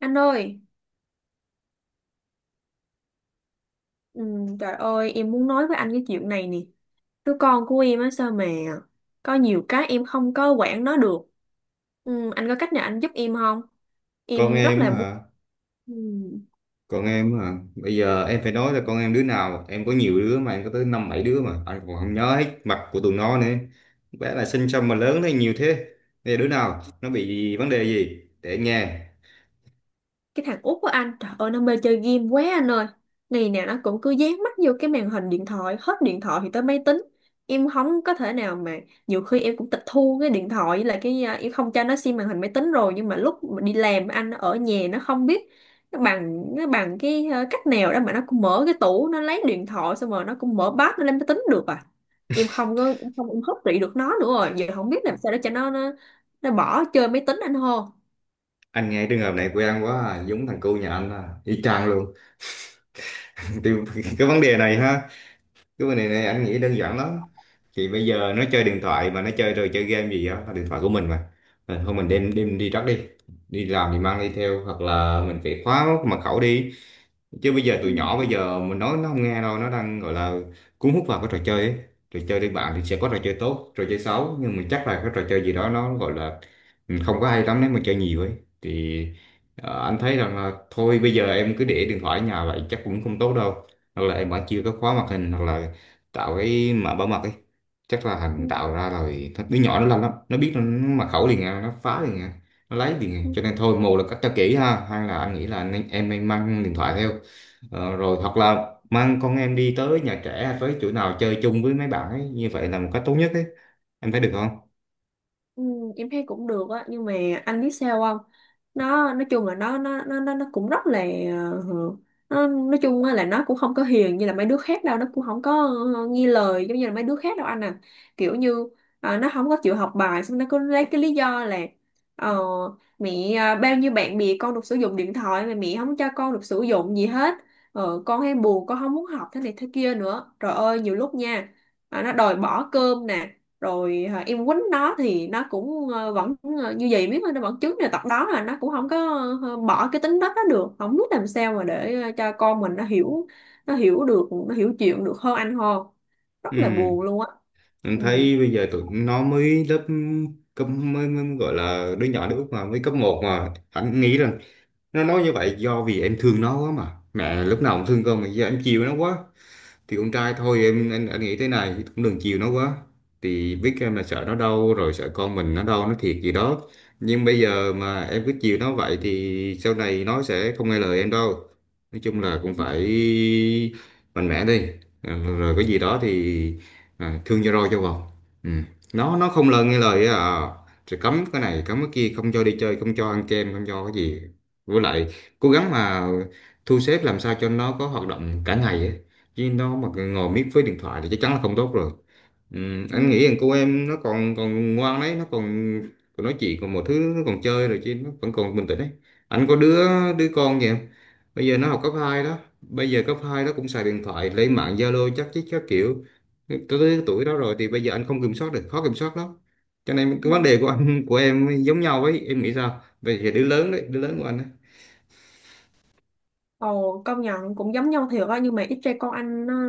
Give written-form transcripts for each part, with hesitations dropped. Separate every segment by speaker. Speaker 1: Anh ơi, trời ơi, em muốn nói với anh cái chuyện này nè. Đứa con của em á sao mà có nhiều cái em không có quản nó được. Anh có cách nào anh giúp em không?
Speaker 2: con
Speaker 1: Em rất
Speaker 2: em
Speaker 1: là
Speaker 2: hả
Speaker 1: muốn. Ừ.
Speaker 2: con em hả? Bây giờ em phải nói là con em đứa nào, em có nhiều đứa mà, em có tới năm bảy đứa mà anh còn không nhớ hết mặt của tụi nó nữa. Bé là sinh xong mà lớn lên nhiều thế. Bây giờ đứa nào nó bị vấn đề gì để anh nghe.
Speaker 1: Cái thằng út của anh trời ơi nó mê chơi game quá anh ơi. Ngày nào nó cũng cứ dán mắt vô cái màn hình điện thoại, hết điện thoại thì tới máy tính. Em không có thể nào mà, nhiều khi em cũng tịch thu cái điện thoại với lại em không cho nó xem màn hình máy tính rồi, nhưng mà lúc mà đi làm anh nó ở nhà nó không biết. Nó bằng cách nào đó mà nó cũng mở cái tủ nó lấy điện thoại, xong rồi nó cũng mở bát nó lên máy tính được à. Em không có em không Em hấp trị được nó nữa rồi, giờ không biết làm sao để cho nó bỏ chơi máy tính anh hô.
Speaker 2: Anh nghe trường hợp này quen quá à. Giống thằng cu nhà anh à, y chang luôn. Thì cái vấn đề này anh nghĩ đơn giản lắm. Thì bây giờ nó chơi điện thoại mà, nó chơi rồi chơi game gì đó, là điện thoại của mình mà. Thôi mình đem đem đi trắc đi, đi làm thì mang đi theo, hoặc là mình phải khóa mật khẩu đi. Chứ bây giờ tụi
Speaker 1: Ừ.
Speaker 2: nhỏ bây giờ mình nói nó không nghe đâu, nó đang gọi là cuốn hút vào cái trò chơi ấy. Trò chơi đi bạn thì sẽ có trò chơi tốt trò chơi xấu, nhưng mà chắc là cái trò chơi gì đó nó gọi là không có hay lắm nếu mà chơi nhiều ấy. Thì anh thấy rằng là thôi bây giờ em cứ để điện thoại ở nhà vậy chắc cũng không tốt đâu. Hoặc là em vẫn chưa có khóa màn hình, hoặc là tạo cái mã bảo mật ấy. Chắc là hành tạo ra rồi đứa nhỏ nó làm lắm, nó biết, nó mật khẩu liền à, nó phá liền à. Nó lấy
Speaker 1: Ừ.
Speaker 2: tiền cho nên thôi, một là cách cho kỹ ha, hai là anh nghĩ là em nên mang điện thoại theo. Rồi hoặc là mang con em đi tới nhà trẻ hay tới chỗ nào chơi chung với mấy bạn ấy, như vậy là một cách tốt nhất ấy. Em thấy được không?
Speaker 1: Ừ, em thấy cũng được á, nhưng mà anh biết sao không, nó nói chung là nó cũng rất là, ờ, nói chung á là nó cũng không có hiền như là mấy đứa khác đâu, nó cũng không có, nghe lời giống như là mấy đứa khác đâu anh à. Kiểu như, nó không có chịu học bài, xong nó cứ lấy cái lý do là, ờ, mẹ bao nhiêu bạn bè con được sử dụng điện thoại mà mẹ không cho con được sử dụng gì hết, con hay buồn, con không muốn học thế này thế kia nữa. Trời ơi nhiều lúc nha, nó đòi bỏ cơm nè, rồi em quýnh nó thì nó cũng vẫn như vậy biết thôi, nó vẫn chứng là tật đó, là nó cũng không có bỏ cái tính đất đó được. Không biết làm sao mà để cho con mình nó hiểu, nó hiểu được, nó hiểu chuyện được hơn anh hơn. Rất là
Speaker 2: Ừ,
Speaker 1: buồn luôn á.
Speaker 2: em
Speaker 1: Ừ.
Speaker 2: thấy bây giờ tụi nó mới lớp cấp mới gọi là đứa nhỏ nước mà mới cấp một, mà anh nghĩ rằng nó nói như vậy do vì em thương nó quá mà, mẹ lúc nào cũng thương con mà, giờ em chiều nó quá. Thì con trai thôi em, anh nghĩ thế này, cũng đừng chiều nó quá. Thì biết em là sợ nó đau, rồi sợ con mình nó đau nó thiệt gì đó, nhưng bây giờ mà em cứ chiều nó vậy thì sau này nó sẽ không nghe lời em đâu. Nói chung là cũng phải mạnh mẽ đi. Rồi cái gì đó thì thương cho roi cho vọt. Ừ. nó không nghe lời á à. Rồi cấm cái này cấm cái kia, không cho đi chơi, không cho ăn kem, không cho cái gì. Với lại cố gắng mà thu xếp làm sao cho nó có hoạt động cả ngày á. Chứ nó mà ngồi miết với điện thoại thì chắc chắn là không tốt rồi. ừ, anh nghĩ rằng cô em nó còn còn ngoan đấy, nó còn còn nói chuyện còn mọi thứ, nó còn chơi rồi chứ, nó vẫn còn bình tĩnh đấy. Anh có đứa đứa con kìa, bây giờ nó học cấp 2 đó, bây giờ cấp 2 nó cũng xài điện thoại lên mạng Zalo chắc chứ, các kiểu. Tới tới tuổi đó rồi thì bây giờ anh không kiểm soát được, khó kiểm soát lắm. Cho nên cái vấn
Speaker 1: Ừ.
Speaker 2: đề của anh của em giống nhau ấy, em nghĩ sao bây giờ đứa lớn đấy, đứa lớn của anh.
Speaker 1: Ồ, công nhận cũng giống nhau thiệt á, nhưng mà ít ra con anh nó,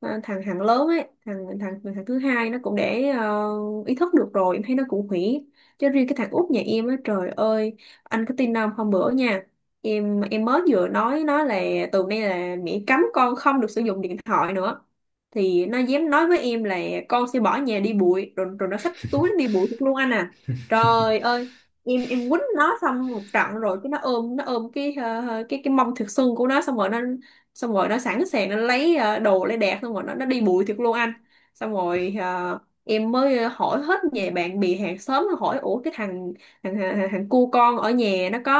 Speaker 1: thằng thằng lớn ấy, thằng thằng thằng thứ hai nó cũng để ý thức được rồi, em thấy nó cũng hủy. Chứ riêng cái thằng út nhà em á trời ơi, anh có tin không, hôm bữa nha, mới vừa nói nó là từ nay là mẹ cấm con không được sử dụng điện thoại nữa, thì nó dám nói với em là con sẽ bỏ nhà đi bụi. Rồi Rồi nó xách túi nó đi bụi thật luôn anh à. Trời ơi, quýnh nó xong một trận, rồi cái nó ôm cái cái mông thiệt sưng của nó, xong rồi nó, xong rồi nó sẵn sàng nó lấy đồ lấy đạc, xong rồi nó đi bụi thiệt luôn anh. Xong rồi em mới hỏi hết về bạn bè hàng xóm, nó hỏi ủa cái thằng, thằng cu con ở nhà nó có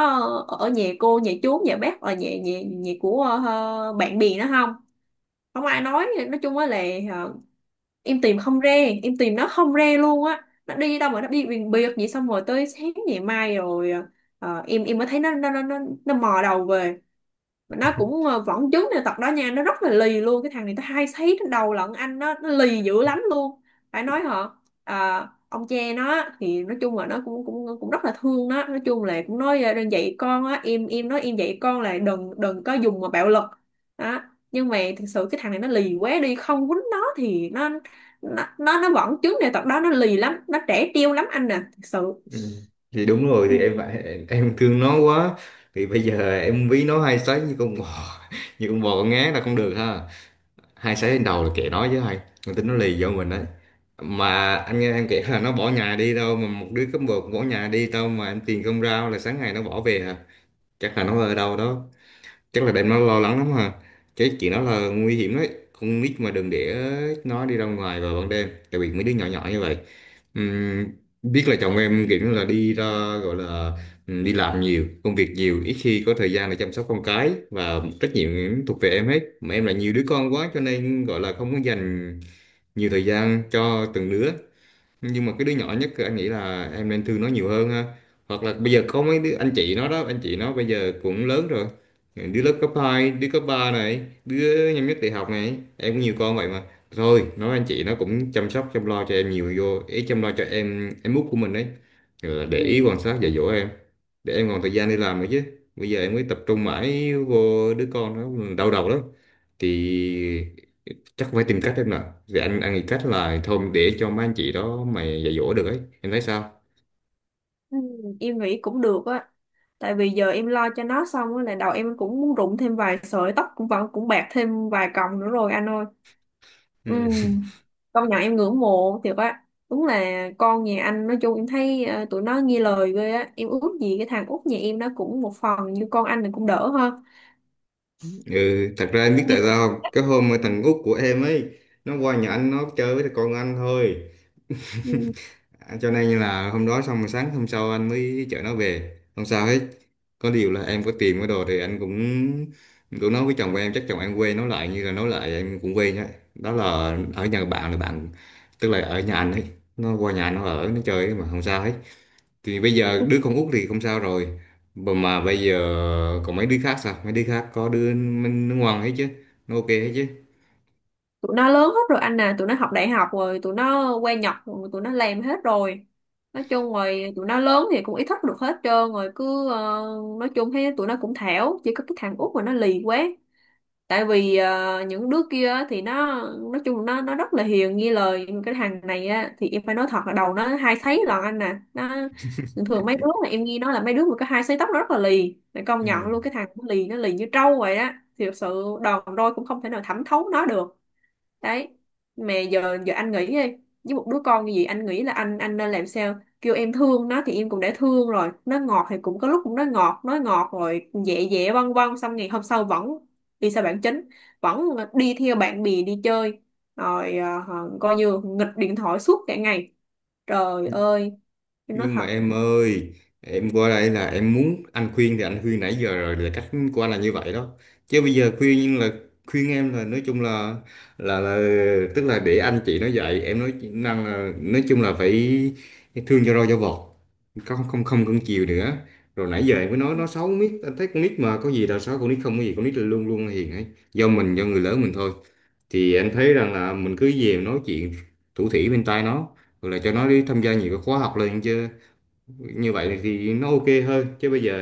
Speaker 1: ở ở nhà cô nhà chú nhà bác, ở nhà nhà nhà của bạn bè nó không. Không ai nói chung á là ờ, em tìm không ra, em tìm nó không ra luôn á. Nó đi đâu mà nó đi biển biệt vậy, xong rồi tới sáng ngày mai rồi mới thấy nó mò đầu về. Mà nó cũng vẫn chứng này tật đó nha, nó rất là lì luôn, cái thằng này nó hay thấy trên đầu lận anh, nó lì dữ lắm luôn, phải nói hả. À, ông che nó á, thì nói chung là nó cũng cũng cũng rất là thương nó, nói chung là cũng nói đừng dạy con á, nói em dạy con là đừng đừng có dùng mà bạo lực đó. Nhưng mà thực sự cái thằng này nó lì quá đi, không quýnh nó thì nó, nó vẫn chứng này tật đó, nó lì lắm, nó trẻ trêu lắm anh nè, thực sự.
Speaker 2: Ừ. Thì đúng rồi, thì em phải em thương nó quá thì bây giờ em ví nó hai sấy như con bò như con bò con ngán là không được ha. Hai sấy lên đầu là kệ nó chứ hay, con tính nó lì vô mình đấy. Mà anh nghe em kể là nó bỏ nhà đi đâu mà một đứa cấp một bỏ nhà đi đâu mà, em tiền không rao là sáng ngày nó bỏ về à. Chắc là nó ở đâu đó, chắc là đem nó lo lắng lắm ha. Cái chuyện đó là nguy hiểm đấy, con nít mà đừng để nó đi ra ngoài vào ban đêm, đặc biệt mấy đứa nhỏ nhỏ như vậy. Ừm, Biết là chồng em kiểu như là đi ra, gọi là đi làm nhiều công việc nhiều, ít khi có thời gian để chăm sóc con cái, và trách nhiệm thuộc về em hết, mà em là nhiều đứa con quá cho nên gọi là không có dành nhiều thời gian cho từng đứa. Nhưng mà cái đứa nhỏ nhất anh nghĩ là em nên thương nó nhiều hơn ha. Hoặc là bây giờ có mấy đứa anh chị nó đó, anh chị nó bây giờ cũng lớn rồi, đứa lớp cấp 2, đứa cấp 3 này, đứa năm nhất đại học này, em có nhiều con vậy mà. Thôi nói anh chị nó cũng chăm sóc chăm lo cho em nhiều, vô ý chăm lo cho em út của mình đấy. Rồi để ý
Speaker 1: Ừ.
Speaker 2: quan sát dạy dỗ em, để em còn thời gian đi làm nữa chứ. Bây giờ em mới tập trung mãi vô đứa con, nó đau đầu lắm. Thì chắc phải tìm cách em nè. Thì anh nghĩ cách là thôi để cho mấy anh chị đó mà dạy dỗ được ấy, em thấy sao?
Speaker 1: Ừ, em nghĩ cũng được á, tại vì giờ em lo cho nó xong á là đầu em cũng muốn rụng thêm vài sợi tóc, cũng vẫn cũng bạc thêm vài cọng nữa rồi anh ơi. Ừ,
Speaker 2: Ừ.
Speaker 1: công nhận em ngưỡng mộ thiệt á, đúng là con nhà anh, nói chung em thấy tụi nó nghe lời ghê á, em ước gì cái thằng út nhà em nó cũng một phần như con anh này cũng đỡ ha.
Speaker 2: Ừ, thật ra em biết
Speaker 1: như,
Speaker 2: tại sao không, cái hôm mà thằng út của em ấy nó qua nhà anh nó chơi với con anh thôi.
Speaker 1: ừ,
Speaker 2: À, cho nên là hôm đó xong rồi sáng hôm sau anh mới chở nó về, không sao hết. Có điều là em có tiền cái đồ thì anh cũng cũng nói với chồng của em, chắc chồng em quê nói lại, như là nói lại em cũng quê nhá. Đó là ở nhà bạn là bạn, tức là ở nhà anh ấy, nó qua nhà anh nó ở nó chơi mà không sao hết. Thì bây giờ đứa con út thì không sao rồi, mà bây giờ còn mấy đứa khác sao, mấy đứa khác có đứa nó ngoan hết chứ, nó ok hết chứ.
Speaker 1: tụi nó lớn hết rồi anh à, tụi nó học đại học rồi, tụi nó qua Nhật rồi, tụi nó làm hết rồi. Nói chung rồi tụi nó lớn thì cũng ý thức được hết trơn rồi, cứ nói chung thấy tụi nó cũng thảo, chỉ có cái thằng út mà nó lì quá. Tại vì những đứa kia á thì nó, nói chung nó rất là hiền nghe lời, nhưng mà cái thằng này á thì em phải nói thật là đầu nó hai sấy lận anh nè. Nó thường thường, mấy đứa mà em nghe nói là mấy đứa mà có hai sấy tóc nó rất là lì mày, công nhận
Speaker 2: Ừ.
Speaker 1: luôn, cái thằng nó lì, nó lì như trâu vậy á, thì thật sự đòn roi cũng không thể nào thẩm thấu nó được. Đấy, mà giờ giờ anh nghĩ đi, với một đứa con như vậy anh nghĩ là anh nên làm sao. Kêu em thương nó thì em cũng đã thương rồi, nó ngọt thì cũng có lúc cũng nói ngọt, nói ngọt rồi dẹ dẹ vân vân, xong ngày hôm sau vẫn đi xa bản chính, vẫn đi theo bạn bè đi chơi, rồi coi như nghịch điện thoại suốt cả ngày. Trời ơi, em nói
Speaker 2: Nhưng mà
Speaker 1: thật.
Speaker 2: em ơi, em qua đây là em muốn anh khuyên thì anh khuyên nãy giờ rồi, là cách của anh là như vậy đó. Chứ bây giờ khuyên nhưng là khuyên em là nói chung là là tức là để anh chị nó dạy em, nói năng là nói chung là phải thương cho rau cho vọt, không không không cưng chiều nữa. Rồi nãy giờ em mới nói nó xấu miết, anh thấy con nít mà có gì là xấu, con nít không có gì, con nít là luôn luôn là hiền ấy, do mình do người lớn mình thôi. Thì anh thấy rằng là mình cứ về nói chuyện thủ thỉ bên tai nó, rồi là cho nó đi tham gia nhiều cái khóa học lên chứ, như vậy thì nó ok hơn. Chứ bây giờ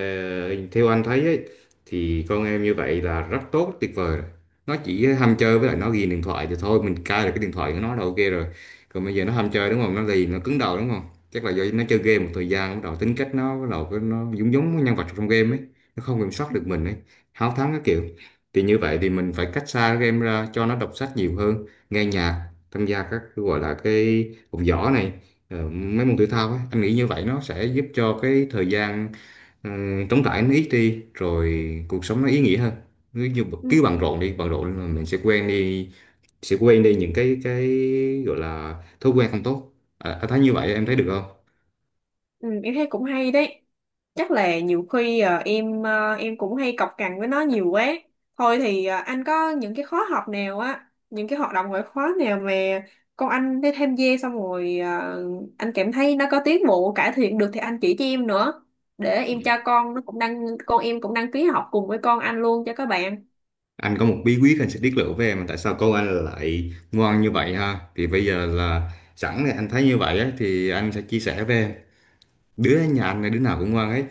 Speaker 2: theo anh thấy ấy, thì con em như vậy là rất tốt tuyệt vời rồi. Nó chỉ ham chơi với lại nó ghiền điện thoại thì thôi mình cai được cái điện thoại của nó là ok rồi. Còn bây giờ nó ham chơi đúng không, nó lì nó cứng đầu đúng không? Chắc là do nó chơi game một thời gian bắt đầu tính cách nó bắt đầu nó giống giống với nhân vật trong game ấy, nó không kiểm soát được mình ấy, háo thắng các kiểu. Thì như vậy thì mình phải cách xa cái game ra, cho nó đọc sách nhiều hơn, nghe nhạc, tham gia các cái gọi là cái học võ này, mấy môn thể thao á. Anh nghĩ như vậy nó sẽ giúp cho cái thời gian ờ, trống trải nó ít đi, rồi cuộc sống nó ý nghĩa hơn. Cứ như
Speaker 1: Ừ.
Speaker 2: cứ bận rộn đi, bận rộn là mình sẽ quen đi, sẽ quên đi những cái gọi là thói quen không tốt. Anh thấy như vậy em thấy được không?
Speaker 1: Ừ, em thấy cũng hay đấy. Chắc là nhiều khi em cũng hay cọc cằn với nó nhiều quá. Thôi thì anh có những cái khóa học nào á, những cái hoạt động ngoại khóa nào mà con anh đi tham gia, xong rồi anh cảm thấy nó có tiến bộ cải thiện được thì anh chỉ cho em nữa. Để em cho con nó cũng đăng, con em cũng đăng ký học cùng với con anh luôn cho các bạn.
Speaker 2: Anh có một bí quyết, anh sẽ tiết lộ với em tại sao con anh lại ngoan như vậy ha. Thì bây giờ là sẵn thì anh thấy như vậy á, thì anh sẽ chia sẻ với em. Đứa nhà anh là đứa nào cũng ngoan hết,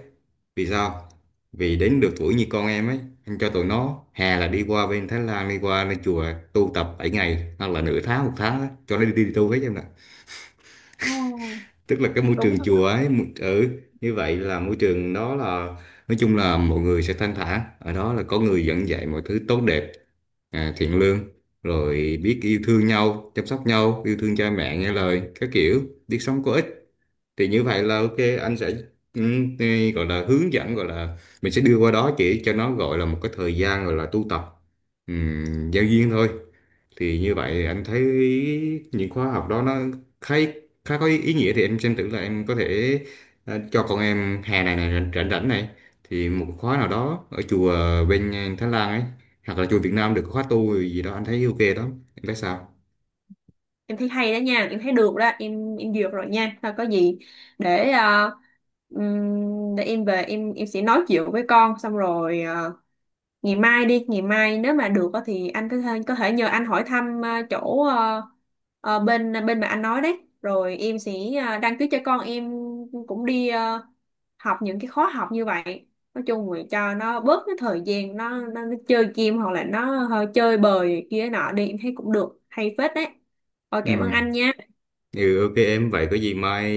Speaker 2: vì sao? Vì đến được tuổi như con em ấy, anh cho tụi nó hè là đi qua bên Thái Lan, đi qua lên chùa tu tập 7 ngày hoặc là nửa tháng một tháng á, cho nó đi, đi, đi tu hết em nè.
Speaker 1: Ồ,
Speaker 2: Tức là cái môi
Speaker 1: đúng,
Speaker 2: trường chùa ấy ừ, như vậy là môi trường đó là nói chung là mọi người sẽ thanh thản, ở đó là có người dẫn dạy mọi thứ tốt đẹp, thiện lương, rồi biết yêu thương nhau, chăm sóc nhau, yêu thương cha mẹ, nghe lời các kiểu, biết sống có ích. Thì như vậy là ok. Anh sẽ thì gọi là hướng dẫn, gọi là mình sẽ đưa qua đó chỉ cho nó, gọi là một cái thời gian gọi là tu tập giao duyên thôi. Thì như vậy anh thấy những khóa học đó nó khá khá có ý nghĩa. Thì em xem thử là em có thể cho con em hè này này rảnh rảnh rảnh này, thì một khóa nào đó ở chùa bên Thái Lan ấy, hoặc là chùa Việt Nam, được khóa tu gì đó anh thấy ok đó. Em thấy sao?
Speaker 1: em thấy hay đó nha, em thấy được đó, em duyệt rồi nha. Thôi có gì để để em về em sẽ nói chuyện với con, xong rồi ngày mai đi, ngày mai nếu mà được á thì anh có thể, có thể nhờ anh hỏi thăm chỗ bên bên mà anh nói đấy, rồi em sẽ đăng ký cho con em cũng đi học những cái khóa học như vậy. Nói chung là cho nó bớt cái thời gian nó chơi game hoặc là nó hơi chơi bời kia nọ đi, em thấy cũng được, hay phết đấy. Rồi cảm ơn
Speaker 2: Ừ,
Speaker 1: anh nha.
Speaker 2: ừ ok em vậy có gì mai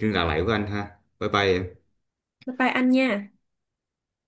Speaker 2: liên lạc lại với anh ha. Bye bye em.
Speaker 1: Bye bye anh nha.